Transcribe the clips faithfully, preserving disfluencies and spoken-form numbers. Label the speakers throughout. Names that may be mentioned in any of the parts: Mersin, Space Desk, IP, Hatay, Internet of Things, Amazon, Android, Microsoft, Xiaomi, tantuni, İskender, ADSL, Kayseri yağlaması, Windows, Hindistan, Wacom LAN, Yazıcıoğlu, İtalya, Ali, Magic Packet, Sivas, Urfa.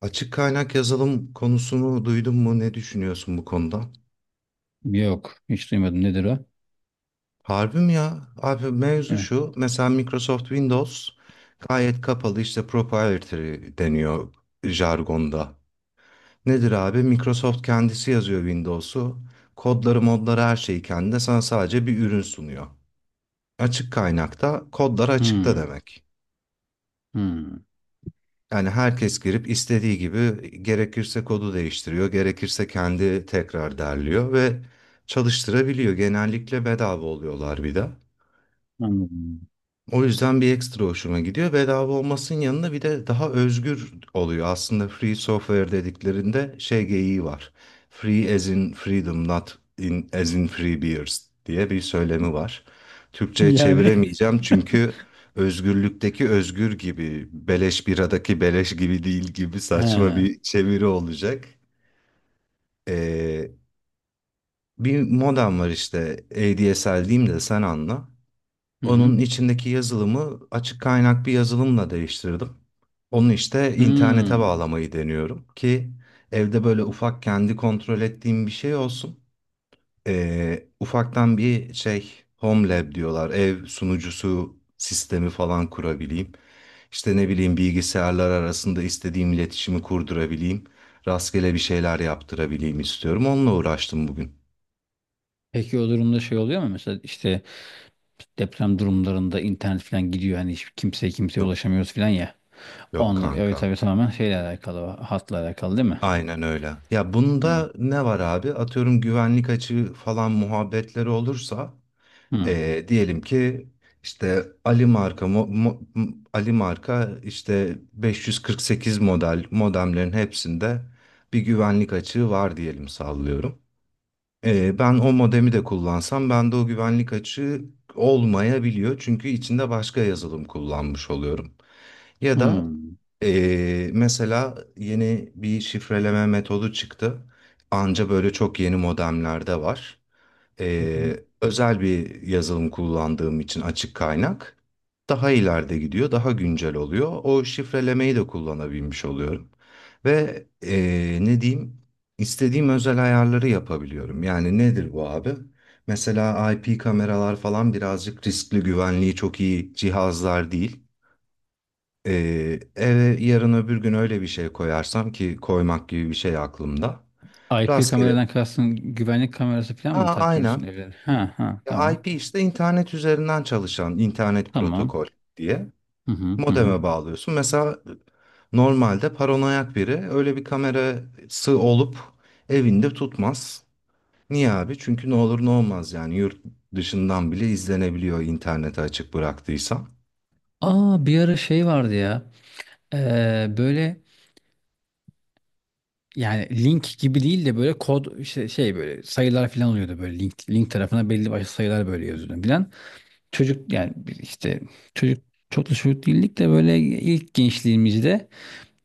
Speaker 1: Açık kaynak yazılım konusunu duydun mu? Ne düşünüyorsun bu konuda?
Speaker 2: Yok. Hiç duymadım. Nedir o?
Speaker 1: Harbi mi ya? Abi mevzu
Speaker 2: Hı.
Speaker 1: şu. Mesela Microsoft Windows gayet kapalı, işte proprietary deniyor jargonda. Nedir abi? Microsoft kendisi yazıyor Windows'u. Kodları, modları, her şeyi kendine. Sana sadece bir ürün sunuyor. Açık kaynakta kodlar açıkta
Speaker 2: Hmm.
Speaker 1: demek.
Speaker 2: Hmm.
Speaker 1: Yani herkes girip istediği gibi gerekirse kodu değiştiriyor, gerekirse kendi tekrar derliyor ve çalıştırabiliyor. Genellikle bedava oluyorlar bir de.
Speaker 2: Anladım.
Speaker 1: O yüzden bir ekstra hoşuma gidiyor. Bedava olmasının yanında bir de daha özgür oluyor. Aslında free software dediklerinde şey geyiği var. Free as in freedom, not in, as in free beers diye bir söylemi var. Türkçe'ye Hmm.
Speaker 2: Yani.
Speaker 1: çeviremeyeceğim, çünkü özgürlükteki özgür gibi, beleş biradaki beleş gibi değil gibi
Speaker 2: He.
Speaker 1: saçma
Speaker 2: Hı
Speaker 1: bir çeviri olacak. Ee, bir modem var işte A D S L diyeyim de sen anla.
Speaker 2: hı.
Speaker 1: Onun içindeki yazılımı açık kaynak bir yazılımla değiştirdim. Onu işte internete
Speaker 2: Hmm.
Speaker 1: bağlamayı deniyorum ki evde böyle ufak, kendi kontrol ettiğim bir şey olsun. Ee, ufaktan bir şey, home lab diyorlar, ev sunucusu sistemi falan kurabileyim. İşte ne bileyim, bilgisayarlar arasında istediğim iletişimi kurdurabileyim. Rastgele bir şeyler yaptırabileyim istiyorum. Onunla uğraştım bugün.
Speaker 2: Peki o durumda şey oluyor mu? Mesela işte deprem durumlarında internet falan gidiyor. Hani hiç kimseye kimseye
Speaker 1: Yok,
Speaker 2: ulaşamıyoruz falan ya.
Speaker 1: yok,
Speaker 2: Onunla, evet
Speaker 1: kanka.
Speaker 2: tabii tamamen şeyle alakalı. Hatla alakalı değil mi?
Speaker 1: Aynen öyle. Ya
Speaker 2: Hı.
Speaker 1: bunda ne var abi? Atıyorum, güvenlik açığı falan muhabbetleri olursa
Speaker 2: Hı.
Speaker 1: eee, diyelim ki işte Ali marka mo- mo- m- Ali marka işte beş yüz kırk sekiz model modemlerin hepsinde bir güvenlik açığı var diyelim, sallıyorum. Ee, ben o modemi de kullansam bende o güvenlik açığı olmayabiliyor. Çünkü içinde başka yazılım kullanmış oluyorum. Ya da
Speaker 2: Hı.
Speaker 1: ee, mesela yeni bir şifreleme metodu çıktı. Anca böyle çok yeni modemlerde var.
Speaker 2: Hı hı.
Speaker 1: Ee, özel bir yazılım kullandığım için açık kaynak daha ileride gidiyor, daha güncel oluyor. O şifrelemeyi de kullanabilmiş oluyorum. Ve ee, ne diyeyim, istediğim özel ayarları yapabiliyorum. Yani nedir bu abi? Mesela I P kameralar falan birazcık riskli, güvenliği çok iyi cihazlar değil. Ee, eve yarın öbür gün öyle bir şey koyarsam ki koymak gibi bir şey aklımda.
Speaker 2: I P
Speaker 1: Rastgele.
Speaker 2: kameradan kastın güvenlik kamerası falan mı
Speaker 1: Aa, aynen.
Speaker 2: taktırıyorsun evlere? Ha ha
Speaker 1: Ya
Speaker 2: tamam.
Speaker 1: I P, işte internet üzerinden çalışan internet
Speaker 2: Tamam.
Speaker 1: protokol diye
Speaker 2: Hı hı hı hı.
Speaker 1: modeme bağlıyorsun. Mesela e, normalde paranoyak biri öyle bir kamerası olup evinde tutmaz. Niye abi? Çünkü ne olur ne olmaz, yani yurt dışından bile izlenebiliyor internete açık bıraktıysa.
Speaker 2: Aa bir ara şey vardı ya. Ee, böyle yani link gibi değil de böyle kod işte şey böyle sayılar falan oluyordu böyle link link tarafına belli başlı sayılar böyle yazıyordu falan. Çocuk yani biz işte çocuk çok da çocuk değildik de böyle ilk gençliğimizde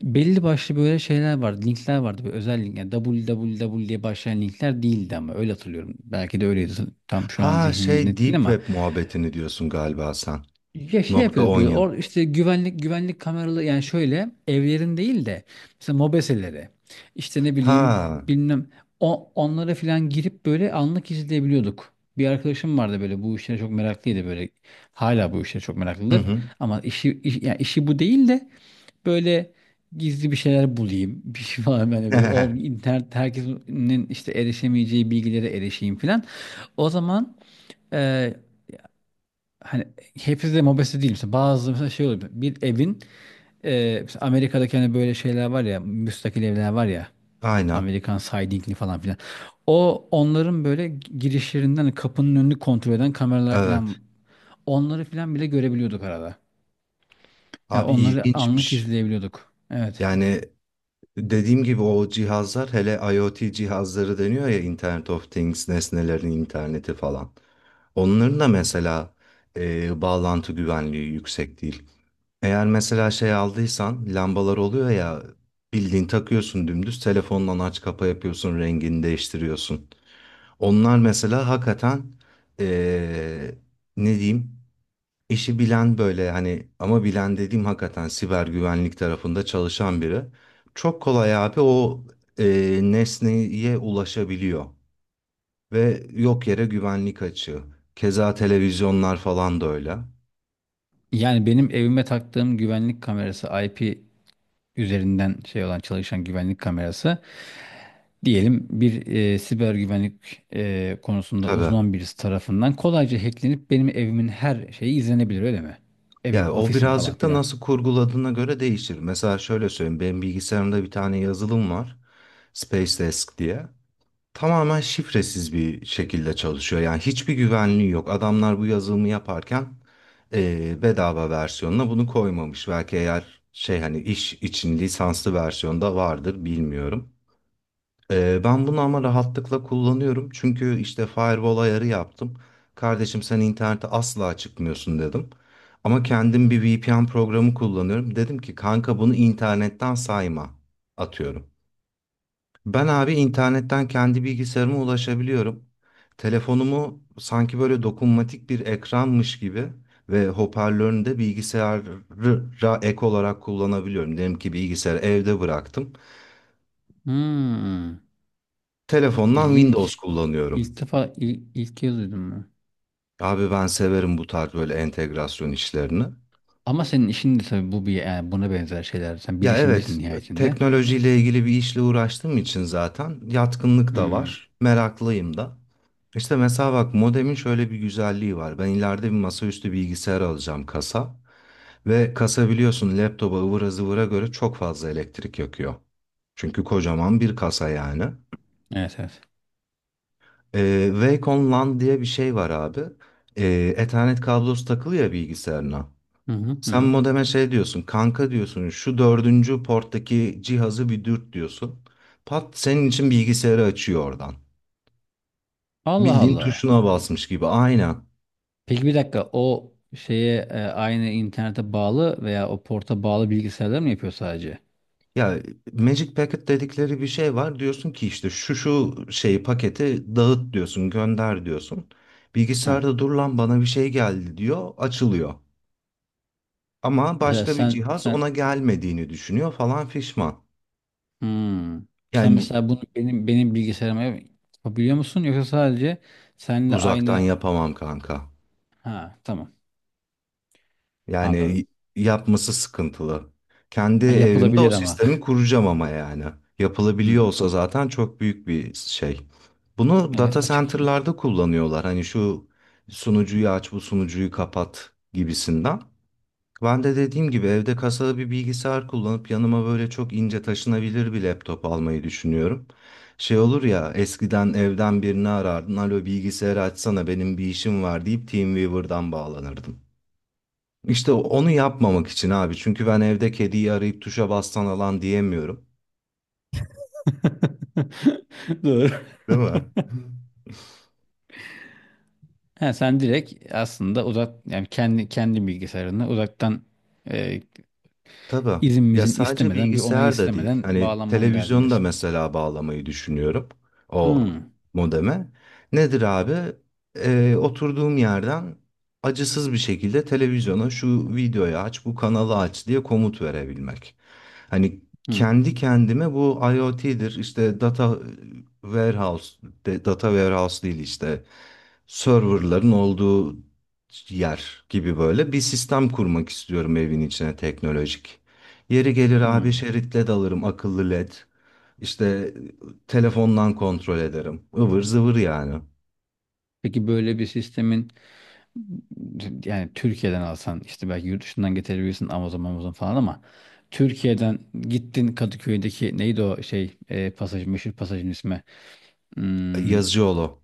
Speaker 2: belli başlı böyle şeyler vardı linkler vardı böyle özel link yani www diye başlayan linkler değildi ama öyle hatırlıyorum. Belki de öyleydi tam şu an
Speaker 1: Ha,
Speaker 2: zihnimde
Speaker 1: şey,
Speaker 2: net
Speaker 1: deep
Speaker 2: değil ama
Speaker 1: web muhabbetini diyorsun galiba sen.
Speaker 2: ya şey
Speaker 1: Nokta
Speaker 2: yapıyoruz böyle
Speaker 1: onion.
Speaker 2: or işte güvenlik güvenlik kameralı yani şöyle evlerin değil de mesela mobeselere işte ne bileyim
Speaker 1: Ha.
Speaker 2: bilmem o, onlara falan girip böyle anlık izleyebiliyorduk. Bir arkadaşım vardı böyle bu işlere çok meraklıydı böyle hala bu işlere çok
Speaker 1: Hı
Speaker 2: meraklıdır
Speaker 1: hı.
Speaker 2: ama işi iş, yani işi bu değil de böyle gizli bir şeyler bulayım bir şey falan böyle, böyle ol, internet herkesin işte erişemeyeceği bilgilere erişeyim falan. O zaman hani hepsi de mobese değil. Mesela bazı mesela şey oluyor. Bir evin e, mesela Amerika'daki hani böyle şeyler var ya müstakil evler var ya
Speaker 1: Aynen.
Speaker 2: Amerikan sidingli falan filan. O onların böyle girişlerinden hani kapının önünü kontrol eden kameralar filan
Speaker 1: Evet.
Speaker 2: onları filan bile görebiliyorduk arada. Ya
Speaker 1: Abi
Speaker 2: onları anlık
Speaker 1: ilginçmiş.
Speaker 2: izleyebiliyorduk. Evet.
Speaker 1: Yani dediğim gibi, o cihazlar, hele IoT cihazları deniyor ya, Internet of Things, nesnelerin interneti falan. Onların da mesela e, bağlantı güvenliği yüksek değil. Eğer mesela şey aldıysan, lambalar oluyor ya, bildiğin takıyorsun, dümdüz telefondan aç kapa yapıyorsun, rengini değiştiriyorsun. Onlar mesela hakikaten, e, ne diyeyim, İşi bilen, böyle hani, ama bilen dediğim hakikaten siber güvenlik tarafında çalışan biri. Çok kolay abi, o e, nesneye ulaşabiliyor ve yok yere güvenlik açığı. Keza televizyonlar falan da öyle.
Speaker 2: Yani benim evime taktığım güvenlik kamerası I P üzerinden şey olan çalışan güvenlik kamerası diyelim bir e, siber güvenlik e, konusunda
Speaker 1: Tabii.
Speaker 2: uzman birisi tarafından kolayca hacklenip benim evimin her şeyi izlenebilir öyle mi?
Speaker 1: Yani
Speaker 2: Evim,
Speaker 1: o
Speaker 2: ofisim falan
Speaker 1: birazcık da
Speaker 2: filan.
Speaker 1: nasıl kurguladığına göre değişir. Mesela şöyle söyleyeyim. Benim bilgisayarımda bir tane yazılım var. Space Desk diye. Tamamen şifresiz bir şekilde çalışıyor. Yani hiçbir güvenliği yok. Adamlar bu yazılımı yaparken eee, bedava versiyonuna bunu koymamış. Belki, eğer, şey, hani iş için lisanslı versiyonda vardır, bilmiyorum. Eee, ben bunu ama rahatlıkla kullanıyorum. Çünkü işte firewall ayarı yaptım. Kardeşim sen internete asla çıkmıyorsun dedim. Ama kendim bir V P N programı kullanıyorum. Dedim ki kanka, bunu internetten sayma, atıyorum. Ben abi, internetten kendi bilgisayarıma ulaşabiliyorum. Telefonumu sanki böyle dokunmatik bir ekranmış gibi ve hoparlörünü de bilgisayara ek olarak kullanabiliyorum. Diyelim ki bilgisayarı evde bıraktım.
Speaker 2: Hmm,
Speaker 1: Telefondan Windows
Speaker 2: ilginç.
Speaker 1: kullanıyorum.
Speaker 2: İlk defa il- ilk kez duydum bunu.
Speaker 1: Abi ben severim bu tarz böyle entegrasyon işlerini.
Speaker 2: Ama senin işin de tabii bu bir yani buna benzer şeyler. Sen
Speaker 1: Ya
Speaker 2: bilişimcisin
Speaker 1: evet,
Speaker 2: nihayetinde.
Speaker 1: teknolojiyle ilgili bir işle uğraştığım için zaten yatkınlık da
Speaker 2: Hmm,
Speaker 1: var, meraklıyım da. İşte mesela bak, modemin şöyle bir güzelliği var. Ben ileride bir masaüstü bilgisayar alacağım, kasa. Ve kasa biliyorsun laptopa, ıvıra zıvıra göre çok fazla elektrik yakıyor. Çünkü kocaman bir kasa yani.
Speaker 2: evet evet.
Speaker 1: Ee, Wacom LAN diye bir şey var abi. Ee, Ethernet kablosu takılı ya bilgisayarına.
Speaker 2: Hı hı, hı
Speaker 1: Sen
Speaker 2: hı.
Speaker 1: modeme şey diyorsun, kanka diyorsun, şu dördüncü porttaki cihazı bir dürt diyorsun. Pat, senin için bilgisayarı açıyor oradan.
Speaker 2: Allah
Speaker 1: Bildiğin
Speaker 2: Allah.
Speaker 1: tuşuna basmış gibi, aynen.
Speaker 2: Peki bir dakika o şeye e, aynı internete bağlı veya o porta bağlı bilgisayarlar mı yapıyor sadece?
Speaker 1: Ya, Magic Packet dedikleri bir şey var. Diyorsun ki işte şu şu şeyi, paketi dağıt diyorsun, gönder diyorsun.
Speaker 2: Hı.
Speaker 1: Bilgisayarda, dur lan bana bir şey geldi diyor, açılıyor. Ama
Speaker 2: Mesela
Speaker 1: başka bir
Speaker 2: sen
Speaker 1: cihaz ona
Speaker 2: sen
Speaker 1: gelmediğini düşünüyor falan fişman.
Speaker 2: Hmm. Sen
Speaker 1: Yani
Speaker 2: mesela bunu benim benim bilgisayarıma yapabiliyor musun yoksa sadece seninle
Speaker 1: uzaktan
Speaker 2: aynı
Speaker 1: yapamam kanka.
Speaker 2: ha tamam anladım.
Speaker 1: Yani yapması sıkıntılı. Kendi
Speaker 2: Ha,
Speaker 1: evimde o
Speaker 2: yapılabilir ama.
Speaker 1: sistemi kuracağım ama yani. Yapılabiliyor
Speaker 2: Hmm.
Speaker 1: olsa zaten çok büyük bir şey. Bunu data
Speaker 2: Evet açık yine.
Speaker 1: center'larda kullanıyorlar. Hani şu sunucuyu aç, bu sunucuyu kapat gibisinden. Ben de dediğim gibi evde kasalı bir bilgisayar kullanıp yanıma böyle çok ince taşınabilir bir laptop almayı düşünüyorum. Şey olur ya, eskiden evden birini arardın. Alo, bilgisayarı açsana benim bir işim var deyip TeamViewer'dan bağlanırdım. İşte onu yapmamak için abi. Çünkü ben evde kediyi arayıp tuşa bastan alan diyemiyorum.
Speaker 2: Doğru.
Speaker 1: Değil mi?
Speaker 2: Ha, sen direkt aslında uzak yani kendi kendi bilgisayarını uzaktan e,
Speaker 1: Tabii. Ya
Speaker 2: izinimizin
Speaker 1: sadece
Speaker 2: istemeden bir onayı
Speaker 1: bilgisayar da değil.
Speaker 2: istemeden
Speaker 1: Hani
Speaker 2: bağlanmanın
Speaker 1: televizyonu da
Speaker 2: derdindesin.
Speaker 1: mesela bağlamayı düşünüyorum o
Speaker 2: Hmm.
Speaker 1: modeme. Nedir abi? Ee, oturduğum yerden acısız bir şekilde televizyona şu videoyu aç, bu kanalı aç diye komut verebilmek. Hani
Speaker 2: Hmm.
Speaker 1: kendi kendime bu IoT'dir, işte data warehouse, de- data warehouse değil, işte serverların olduğu yer gibi böyle bir sistem kurmak istiyorum evin içine, teknolojik. Yeri gelir abi
Speaker 2: Hmm.
Speaker 1: şeritle dalırım, akıllı led. İşte telefondan kontrol ederim. Ivır zıvır yani.
Speaker 2: Peki böyle bir sistemin yani Türkiye'den alsan işte belki yurt dışından getirebilirsin Amazon Amazon falan ama Türkiye'den gittin Kadıköy'deki neydi o şey e, pasaj meşhur pasajın ismi hmm,
Speaker 1: Yazıcıoğlu.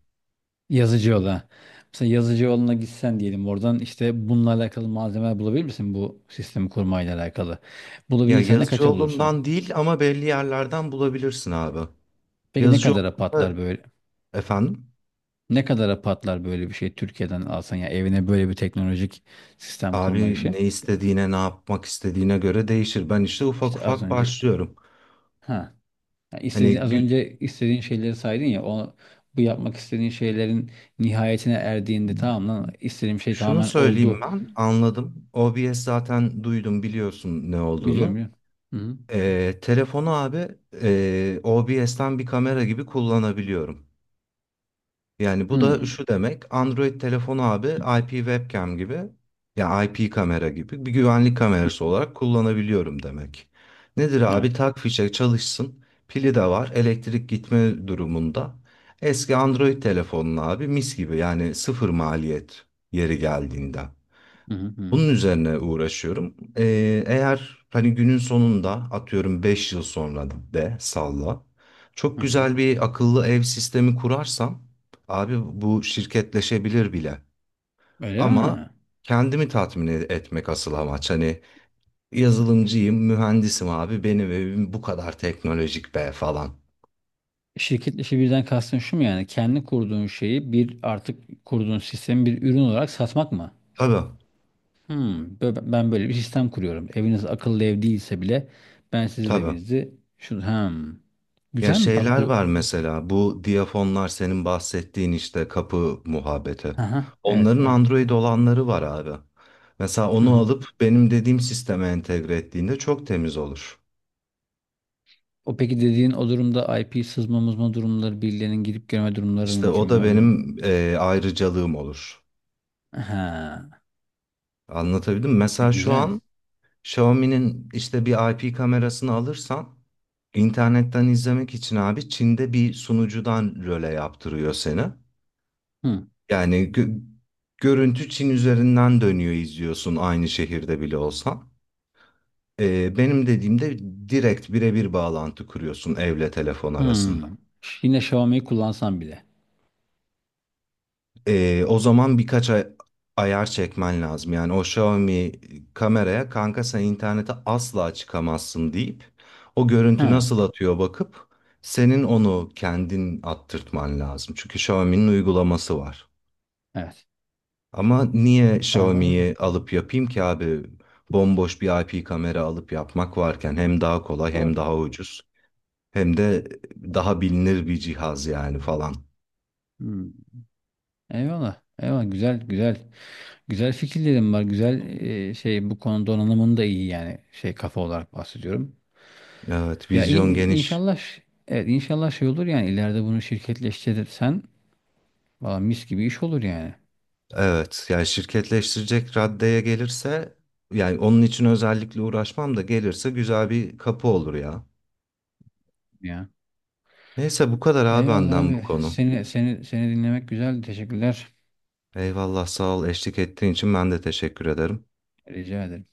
Speaker 2: Yazıcıoğlu'na mesela Yazıcıoğlu'na gitsen diyelim oradan işte bununla alakalı malzemeler bulabilir misin bu sistemi kurmayla alakalı
Speaker 1: Ya
Speaker 2: bulabilirsen ne kaça bulursun
Speaker 1: Yazıcıoğlu'ndan değil ama belli yerlerden bulabilirsin abi.
Speaker 2: peki ne kadara
Speaker 1: Yazıcıoğlu,
Speaker 2: patlar böyle
Speaker 1: efendim,
Speaker 2: ne kadara patlar böyle bir şey Türkiye'den alsan ya evine böyle bir teknolojik sistem kurma
Speaker 1: abi
Speaker 2: işi
Speaker 1: ne istediğine, ne yapmak istediğine göre değişir. Ben işte ufak
Speaker 2: işte az
Speaker 1: ufak
Speaker 2: önce
Speaker 1: başlıyorum.
Speaker 2: ha yani
Speaker 1: Hani
Speaker 2: istediğin, az
Speaker 1: gü-
Speaker 2: önce istediğin şeyleri saydın ya o bu yapmak istediğin şeylerin nihayetine erdiğinde tamam lan istediğim şey
Speaker 1: Şunu
Speaker 2: tamamen
Speaker 1: söyleyeyim,
Speaker 2: oldu.
Speaker 1: ben anladım. O b s zaten duydum, biliyorsun ne
Speaker 2: Biliyorum
Speaker 1: olduğunu.
Speaker 2: biliyorum. Hı hı.
Speaker 1: Ee, telefonu abi, e, O B S'ten bir kamera gibi kullanabiliyorum. Yani bu da
Speaker 2: Hı.
Speaker 1: şu demek, Android telefonu abi I P webcam gibi, ya I P kamera gibi bir güvenlik kamerası olarak kullanabiliyorum demek. Nedir
Speaker 2: Evet.
Speaker 1: abi, tak fişe çalışsın, pili de var elektrik gitme durumunda. Eski Android telefonun abi mis gibi, yani sıfır maliyet yeri geldiğinde.
Speaker 2: Hı hı hı.
Speaker 1: Bunun üzerine uğraşıyorum. Ee, eğer hani günün sonunda atıyorum beş yıl sonra, de salla. Çok
Speaker 2: Hı hı.
Speaker 1: güzel bir akıllı ev sistemi kurarsam abi, bu şirketleşebilir bile.
Speaker 2: Öyle
Speaker 1: Ama
Speaker 2: mi?
Speaker 1: kendimi tatmin e- etmek asıl amaç. Hani yazılımcıyım, mühendisim abi, benim evim bu kadar teknolojik be falan.
Speaker 2: Şirket işi birden kastın şu mu yani? Kendi kurduğun şeyi bir artık kurduğun sistemi bir ürün olarak satmak mı?
Speaker 1: Tabii,
Speaker 2: Hmm, bö- ben böyle bir sistem kuruyorum. Eviniz akıllı ev değilse bile ben sizin
Speaker 1: tabii.
Speaker 2: evinizi şu hem
Speaker 1: Ya
Speaker 2: güzel mi bak
Speaker 1: şeyler
Speaker 2: bu?
Speaker 1: var mesela, bu diyafonlar, senin bahsettiğin işte kapı muhabbeti.
Speaker 2: Aha, evet,
Speaker 1: Onların
Speaker 2: evet.
Speaker 1: Android olanları var abi. Mesela onu alıp benim dediğim sisteme entegre ettiğinde çok temiz olur.
Speaker 2: O peki dediğin o durumda I P sızma mızma durumları birilerinin girip girme durumları
Speaker 1: İşte
Speaker 2: mümkün
Speaker 1: o
Speaker 2: mü
Speaker 1: da
Speaker 2: o durum?
Speaker 1: benim eee, ayrıcalığım olur.
Speaker 2: Ha,
Speaker 1: Anlatabildim mi?
Speaker 2: e,
Speaker 1: Mesela şu an
Speaker 2: güzel.
Speaker 1: Xiaomi'nin işte bir I P kamerasını alırsan, internetten izlemek için abi, Çin'de bir sunucudan röle yaptırıyor seni.
Speaker 2: Hı,
Speaker 1: Yani gö- görüntü Çin üzerinden dönüyor, izliyorsun aynı şehirde bile olsan. Ee, benim dediğimde direkt birebir bağlantı kuruyorsun evle telefon
Speaker 2: hı.
Speaker 1: arasında.
Speaker 2: Yine Xiaomi'yi kullansan bile.
Speaker 1: Ee, o zaman birkaç ay- ayar çekmen lazım. Yani o Xiaomi kameraya kanka sen internete asla çıkamazsın deyip, o görüntü
Speaker 2: Hı,
Speaker 1: nasıl atıyor bakıp senin onu kendin attırtman lazım. Çünkü Xiaomi'nin uygulaması var.
Speaker 2: evet.
Speaker 1: Ama niye Xiaomi'yi
Speaker 2: Anladım.
Speaker 1: alıp yapayım ki abi? Bomboş bir I P kamera alıp yapmak varken hem daha kolay,
Speaker 2: Doğru.
Speaker 1: hem daha ucuz, hem de daha bilinir bir cihaz yani falan.
Speaker 2: Hı. Eyvallah. Eyvallah. Güzel, güzel. Güzel fikirlerim var. Güzel e, şey bu konu donanımın da iyi yani şey kafa olarak bahsediyorum.
Speaker 1: Evet,
Speaker 2: Ya
Speaker 1: vizyon
Speaker 2: in-
Speaker 1: geniş.
Speaker 2: inşallah ş- evet inşallah şey olur yani ileride bunu şirketleştirirsen valla mis gibi iş olur yani.
Speaker 1: Evet, yani şirketleştirecek raddeye gelirse, yani onun için özellikle uğraşmam da gelirse güzel bir kapı olur ya.
Speaker 2: Ya.
Speaker 1: Neyse, bu kadar abi
Speaker 2: Eyvallah
Speaker 1: benden bu
Speaker 2: abi.
Speaker 1: konu.
Speaker 2: Seni seni seni dinlemek güzeldi. Teşekkürler.
Speaker 1: Eyvallah, sağ ol eşlik ettiğin için, ben de teşekkür ederim.
Speaker 2: Rica ederim.